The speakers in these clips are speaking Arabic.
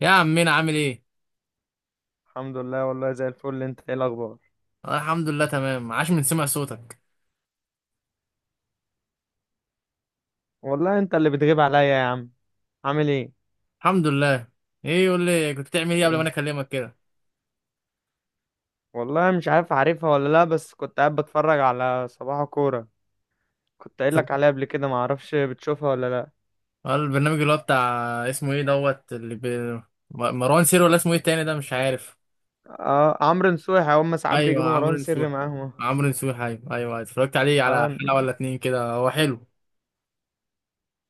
يا عمنا عامل ايه؟ الحمد لله، والله زي الفل. انت ايه الاخبار؟ آه، الحمد لله تمام، عاش من سمع صوتك. والله انت اللي بتغيب عليا يا عم. عامل ايه؟ الحمد لله. ايه، يقول لي كنت بتعمل ايه قبل ما ايه؟ انا اكلمك كده؟ والله مش عارف عارفها ولا لا، بس كنت قاعد بتفرج على صباح كورة. كنت قايل طب، لك عليها قبل كده، ما اعرفش بتشوفها ولا لا. آه، البرنامج اللي هو بتاع اسمه ايه دوت اللي ب... م- مروان سير، ولا اسمه ايه التاني ده، مش عارف. اه عمرو نصوحي، هم ساعات ايوه بيجيبوا عمرو مروان سري نسوح، معاهم. عمرو نسوح، ايوه ايوه ايوه. اتفرجت عليه على اه حلقه ن- ولا اتنين كده، هو حلو.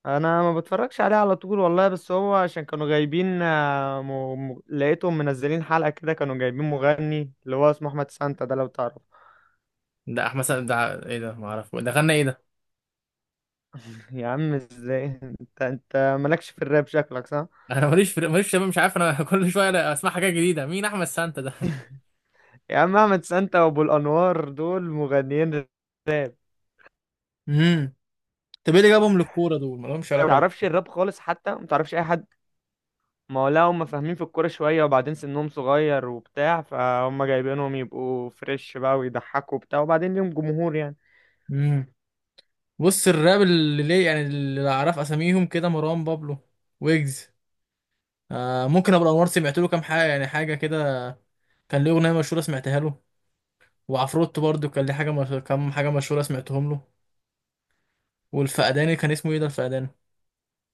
انا ما بتفرجش عليه على طول والله، بس هو عشان كانوا جايبين لقيتهم منزلين حلقة كده، كانوا جايبين مغني اللي هو اسمه احمد سانتا ده لو تعرف. ده احمد سعد ده؟ ايه ده، ما اعرف ده غنى ايه ده. يا عم ازاي! انت مالكش في الراب شكلك صح. انا ماليش شباب، مش عارف انا. كل شويه أنا اسمع حاجات جديده. مين احمد سانتا ده؟ يا عم احمد سانتا وابو الانوار دول مغنيين راب. امم طب ايه اللي جابهم للكوره، دول ما لهمش ما علاقه تعرفش الراب خالص، حتى ما تعرفش اي حد. ما هو لا، هم فاهمين في الكوره شويه، وبعدين سنهم صغير وبتاع، فهم جايبينهم يبقوا فريش بقى ويضحكوا وبتاع، وبعدين ليهم جمهور يعني. بيه. بص، الراب اللي ليه يعني اللي اعرف اساميهم كده مروان بابلو، ويجز. آه، ممكن ابو الانوار سمعت له كام حاجه يعني، حاجه كده، كان ليه اغنيه مشهوره سمعتها له. وعفروتو برضو كان ليه حاجه مش... كام حاجه مشهوره سمعتهم له. والفقداني كان اسمه ايه ده الفقداني؟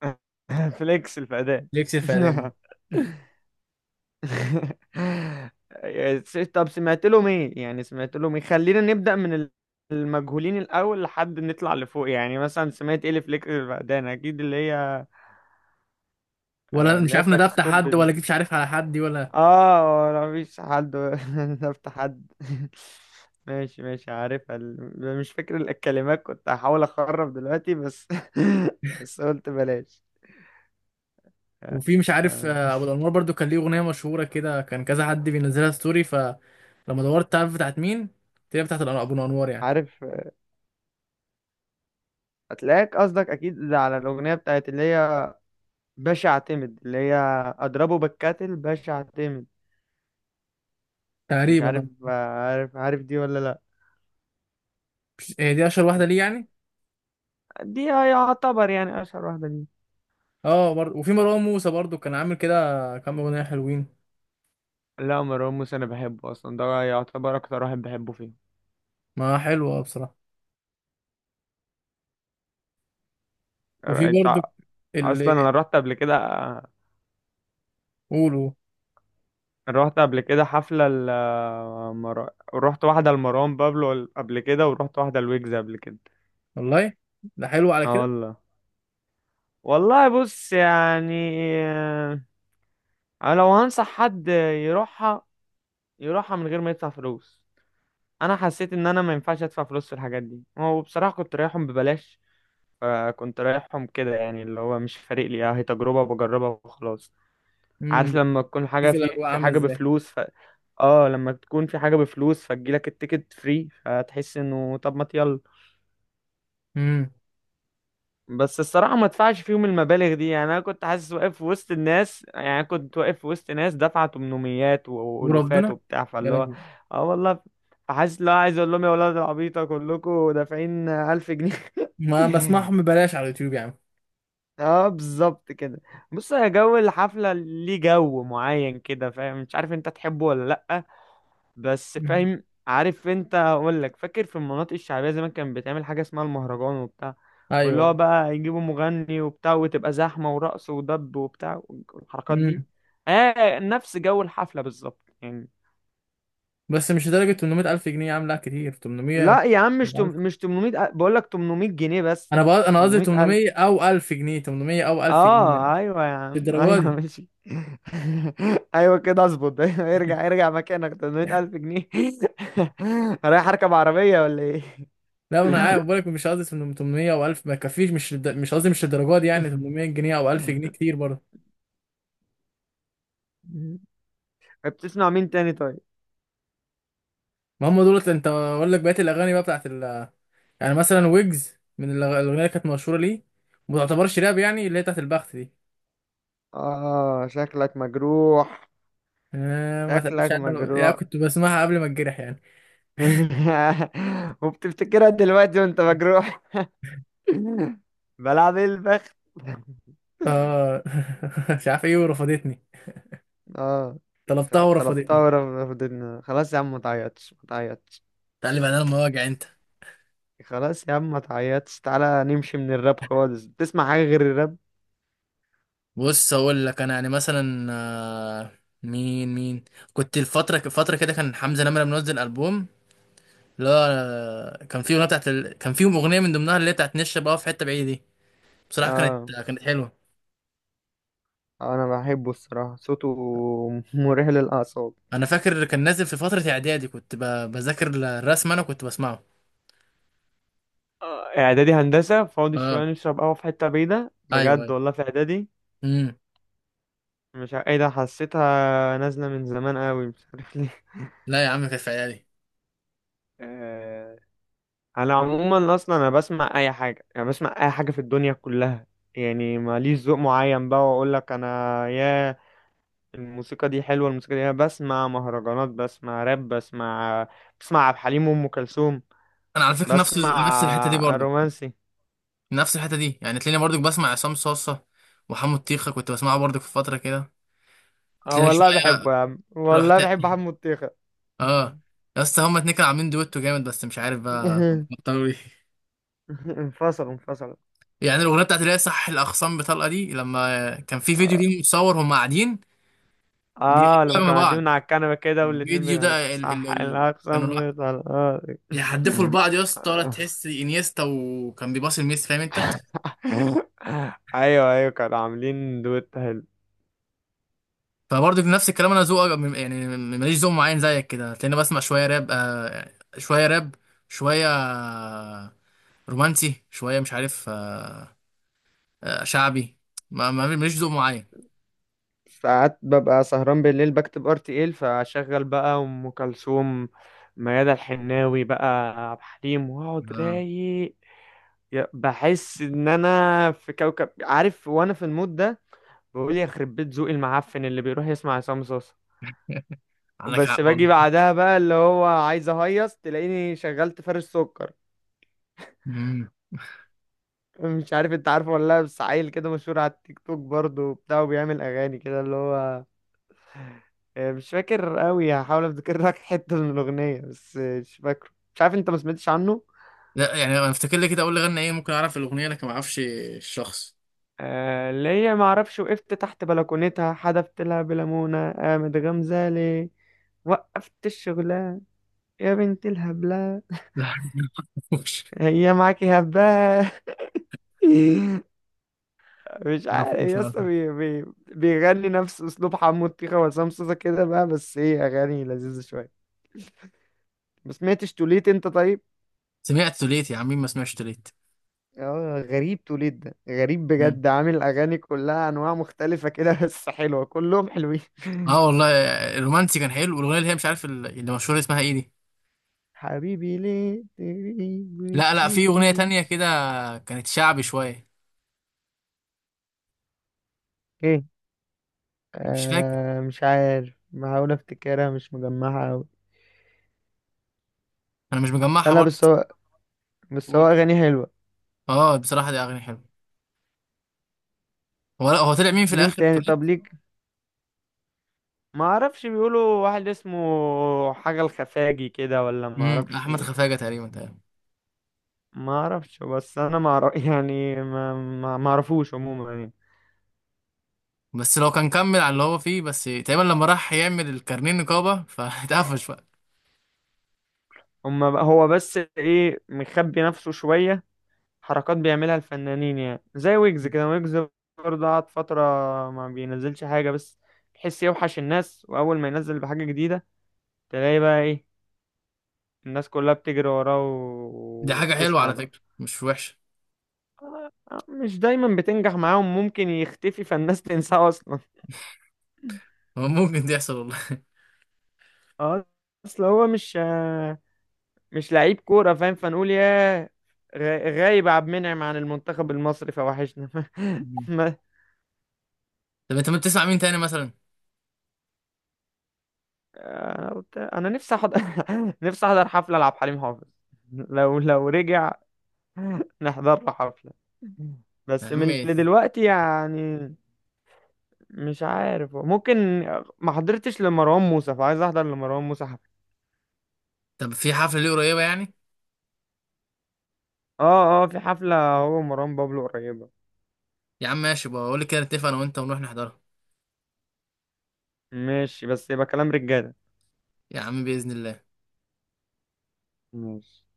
فليكس الفدان. ليكس الفقداني. طب سمعت لهم ايه يعني؟ سمعت لهم ايه؟ خلينا نبدأ من المجهولين الاول لحد نطلع لفوق، يعني مثلا سمعت ايه لفليكس الفقدان، اكيد اللي هي ولا مش اللي هي عارف ده بتاعت بتاع ستوب حد ولا جيت مش عارف على حد دي ولا. اه انا مفيش حد نفت حد ماشي ماشي عارفها مش فاكر الكلمات، كنت هحاول اخرب دلوقتي بس بس قلت بلاش. وفي مش عارف آه، ابو الانوار برضو كان ليه اغنيه مشهوره كده، كان كذا حد بينزلها ستوري، فلما دورت تعرف بتاعت مين تلاقي ابو الانوار يعني. عارف هتلاقيك قصدك اكيد على الاغنيه بتاعت اللي هي باشا اعتمد، اللي هي اضربه بالكاتل، باشا اعتمد. مش تقريبا عارف آه. عارف عارف دي ولا لا. هي دي اشهر واحده ليه يعني. دي يعتبر يعني اشهر واحده دي. اه برضه، وفي مروان موسى برضه كان عامل كده كام اغنيه حلوين. لا مروان موسى انا بحبه اصلا، ده يعتبر اكتر واحد بحبه فيه. ما حلوه بصراحه. وفي انت برضه اصلا انا اللي رحت قبل كده. قولوا، رحت قبل كده حفله ل... رحت واحده لمروان بابلو قبل كده، ورحت واحده لويجز قبل كده. والله ده حلو على اه كده. والله. والله بص يعني، انا لو هنصح حد يروحها، يروحها من غير ما يدفع فلوس. انا حسيت ان انا ما ينفعش ادفع فلوس في الحاجات دي، هو بصراحه كنت رايحهم ببلاش. فكنت رايحهم كده يعني، اللي هو مش فارق لي، هي تجربه بجربها وخلاص. امم. عارف لما تكون حاجه شوف في الاجواء في عامله حاجه ازاي. بفلوس. اه لما تكون في حاجة بفلوس، فتجيلك التيكت فري، فتحس انه طب ما يلا. امم. بس الصراحة ما ادفعش فيهم المبالغ دي يعني. انا كنت حاسس واقف في وسط الناس، يعني أنا كنت واقف في وسط ناس دفعة تمنميات والوفات وربنا وبتاع، يا فاللي هو لهوي. اه والله. فحاسس لو عايز اقول لهم يا ولاد العبيطة كلكم دافعين ألف جنيه. ما بسمعهم ببلاش على اليوتيوب يا عم. اه بالظبط كده. بص يا جو الحفلة ليه جو معين كده فاهم، مش عارف انت تحبه ولا لأ. بس مم. فاهم عارف، انت اقول لك فاكر في المناطق الشعبيه زمان، كان بتعمل حاجه اسمها المهرجان وبتاع، واللي هو ايوه. بقى يجيبوا مغني وبتاع، وتبقى زحمه ورقص ودب وبتاع والحركات دي. امم. اه نفس جو الحفله بالظبط يعني. بس مش لدرجه 800000 جنيه، عامله كتير 800 لا يا عم، مش و1000. مش 800 بقول لك، 800 جنيه بس، انا بقى مش انا قصدي 800 الف. 800 او 1000 جنيه، 800 او 1000 جنيه يعني، اه ايوه يا مش عم الدرجه ايوه دي. ماشي. ايوه كده اظبط ايوه ارجع ارجع مكانك، 800 الف جنيه. رايح اركب عربيه ولا ايه؟ لا انا عارف، بقولك مش قصدي 800 او 1000 ما يكفيش، مش قصدي مش للدرجه دي يعني. 800 جنيه او 1000 جنيه كتير برضه. طيب، بتسمع مين تاني طيب؟ ما هم دولت انت اقول لك بقيه الاغاني بقى بتاعت ال... يعني مثلا ويجز من الاغنيه اللي كانت مشهوره ليه، وما تعتبرش راب يعني اللي هي بتاعت البخت دي. اه شكلك مجروح. آه، ما تقلقش شكلك انا يعني مجروح. كنت بسمعها قبل ما اتجرح يعني. وبتفتكرها دلوقتي وانت مجروح. بلعب ايه البخت. اه. مش عارف ايه، ورفضتني. اه. طلبتها طلبتها ورفضتني. ورفضتنا خلاص يا عم، ما تعيطش ما تعيطش. تعالي بعدها لما واجع انت. خلاص يا عم ما تعيطش، تعالى نمشي من الراب خالص. بتسمع حاجة غير الراب؟ بص اقول لك انا يعني مثلا آه، مين مين، كنت الفتره كده كان حمزه نمره منزل البوم. لا أنا- كان في كان فيهم اغنيه من ضمنها اللي هي بتاعت نشا بقى في حته بعيده دي، بصراحه كانت اه. حلوه. انا بحبه الصراحة صوته، مريح للأعصاب. انا فاكر كان نازل في فتره اعدادي، بذاكر الرسم انا كنت بسمعه. اعدادي هندسة فاضي شوية اه نشرب قهوة في حتة بعيدة ايوه بجد، ايوه. والله في اعدادي. امم. مش ع- ايه ده، حسيتها نازلة من زمان قوي مش عارف ليه. لا يا عم كانت في اعدادي. آه، على عموما اصلا انا بسمع اي حاجة، يعني بسمع اي حاجة في الدنيا كلها. يعني ماليش ذوق معين بقى، واقول لك انا يا، الموسيقى دي حلوة الموسيقى دي. أنا بسمع مهرجانات، بسمع راب، بسمع، بسمع عبد الحليم وام كلثوم، انا على فكره بسمع نفس الحته دي برضو. رومانسي. نفس الحته دي يعني تلاقيني برضو بسمع عصام صاصه، وحمو الطيخه كنت بسمعه برضو في فتره كده. اه تلاقيني والله شويه. بحبه يا عم، والله رحت. بحب حمو الطيخة. اه. يا اسطى هما اتنين كانوا عاملين دويتو جامد، بس مش عارف بقى بطلوا ليه. انفصل انفصل. يعني الاغنيه بتاعت اللي هي صح الاخصام بطلقه دي، لما كان في فيديو ليهم متصور هم قاعدين اه لما بيغنوا مع كانوا قاعدين بعض. من على الكنبة كده والاتنين الفيديو بيغنوا ده ال ال صح ال كانوا لا الأقسم بطلقاتي. بيحدفوا لبعض يا اسطى، ولا تحس انيستا وكان بيباصي لميسي، فاهم انت. ايوه ايوه كانوا عاملين دويت حلو. فبرضه في نفس الكلام، انا ذوق يعني ماليش ذوق معين زيك كده، تلاقيني بسمع شويه راب آه، شويه راب، شويه آه، رومانسي شويه، مش عارف آه، آه، شعبي، ماليش ذوق معين. ساعات ببقى سهران بالليل بكتب ار تي ال، فاشغل بقى ام كلثوم، ميادة الحناوي بقى، عبد الحليم، واقعد آه، رايق. بحس ان انا في كوكب عارف وانا في المود ده. بقول يخرب بيت ذوقي المعفن اللي بيروح يسمع عصام صاصا. عندك بس حق. باجي بعدها بقى اللي هو عايز اهيص، تلاقيني شغلت فارش سكر. والله. مش عارف انت عارفه ولا لا، بس عيل كده مشهور على التيك توك برضه وبتاع، وبيعمل اغاني كده اللي هو مش فاكر قوي، هحاول افتكر لك حته من الاغنيه، بس مش فاكره، مش عارف انت ما سمعتش عنه. لا يعني انا افتكر لي كده، اقول لي غنى ايه ممكن اعرف الاغنيه، لكن ما اعرفش الشخص. اللي هي ما اعرفش وقفت تحت بلكونتها حدفت لها بليمونه قامت غمزه، وقفت الشغلانه يا بنت الهبله، لا. ما اعرفوش هي معاكي هبه. مش ما عارف اعرفوش يا ما اسطى، اعرفوش. بيغني نفس اسلوب حمو الطيخه وعصام صوصه كده بقى، بس هي اغاني لذيذه شويه. ما سمعتش توليت انت طيب؟ سمعت توليت يا عم، مين ما سمعش توليت. اه غريب، توليت ده غريب مم. بجد، عامل اغاني كلها انواع مختلفه كده بس حلوه كلهم حلوين. اه والله. الرومانسي كان حلو، والاغنيه اللي هي مش عارف اللي مشهوره اسمها ايه دي. حبيبي ليه تغيب لا لا في اغنيه وتسيبني. تانية كده، كانت شعبي شويه. ايه مش فاكر، آه مش عارف، بحاول افتكرها مش مجمعها اوي. انا مش لا مجمعها لا برضه بس بس هو، بس بقول هو كده. اغاني حلوه. اه بصراحه دي اغاني حلوه. هو طلع مين في مين الاخر تاني توليت. طب ليك؟ ما اعرفش، بيقولوا واحد اسمه حاجة الخفاجي كده ولا ما امم. اعرفش. احمد خفاجه تقريبا تقريبا. ما اعرفش بس انا ما أعرف يعني، ما اعرفوش عموما يعني. بس لو كان كمل على اللي هو فيه، بس تقريبا لما راح يعمل الكارنيه نقابه فاتقفش بقى. هو بس ايه مخبي نفسه شوية، حركات بيعملها الفنانين يعني، زي ويجز كده. ويجز برضه قعد فترة ما بينزلش حاجة، بس تحس يوحش الناس، واول ما ينزل بحاجة جديدة، تلاقي بقى ايه الناس كلها بتجري وراه دي حاجة حلوة وبتسمع على بقى. فكرة، مش وحشة. مش دايما بتنجح معاهم، ممكن يختفي فالناس تنساه اصلا. هو ممكن دي يحصل والله. اه. اصل هو مش مش لعيب كورة فاهم، فنقول يا غ- غايب عبد المنعم عن المنتخب المصري فوحشنا. مم. ما طب انت ما بتسمع مين تاني مثلا؟ انا قلت انا نفسي احضر نفسي احضر حفلة لعبد الحليم حافظ. لو رجع نحضر له حفلة، يا بس من اللي عمي. دلوقتي يعني. مش عارف ممكن، ما حضرتش لمروان موسى، فعايز احضر لمروان موسى حفلة. طب في حفلة ليه قريبة يعني؟ اه اه في حفلة هو مروان بابلو قريبة. يا عم ماشي بقى، قول لي كده نتفق انا وانت ونروح نحضرها. ماشي بس يبقى كلام رجالة. يا عم بإذن الله. ماشي.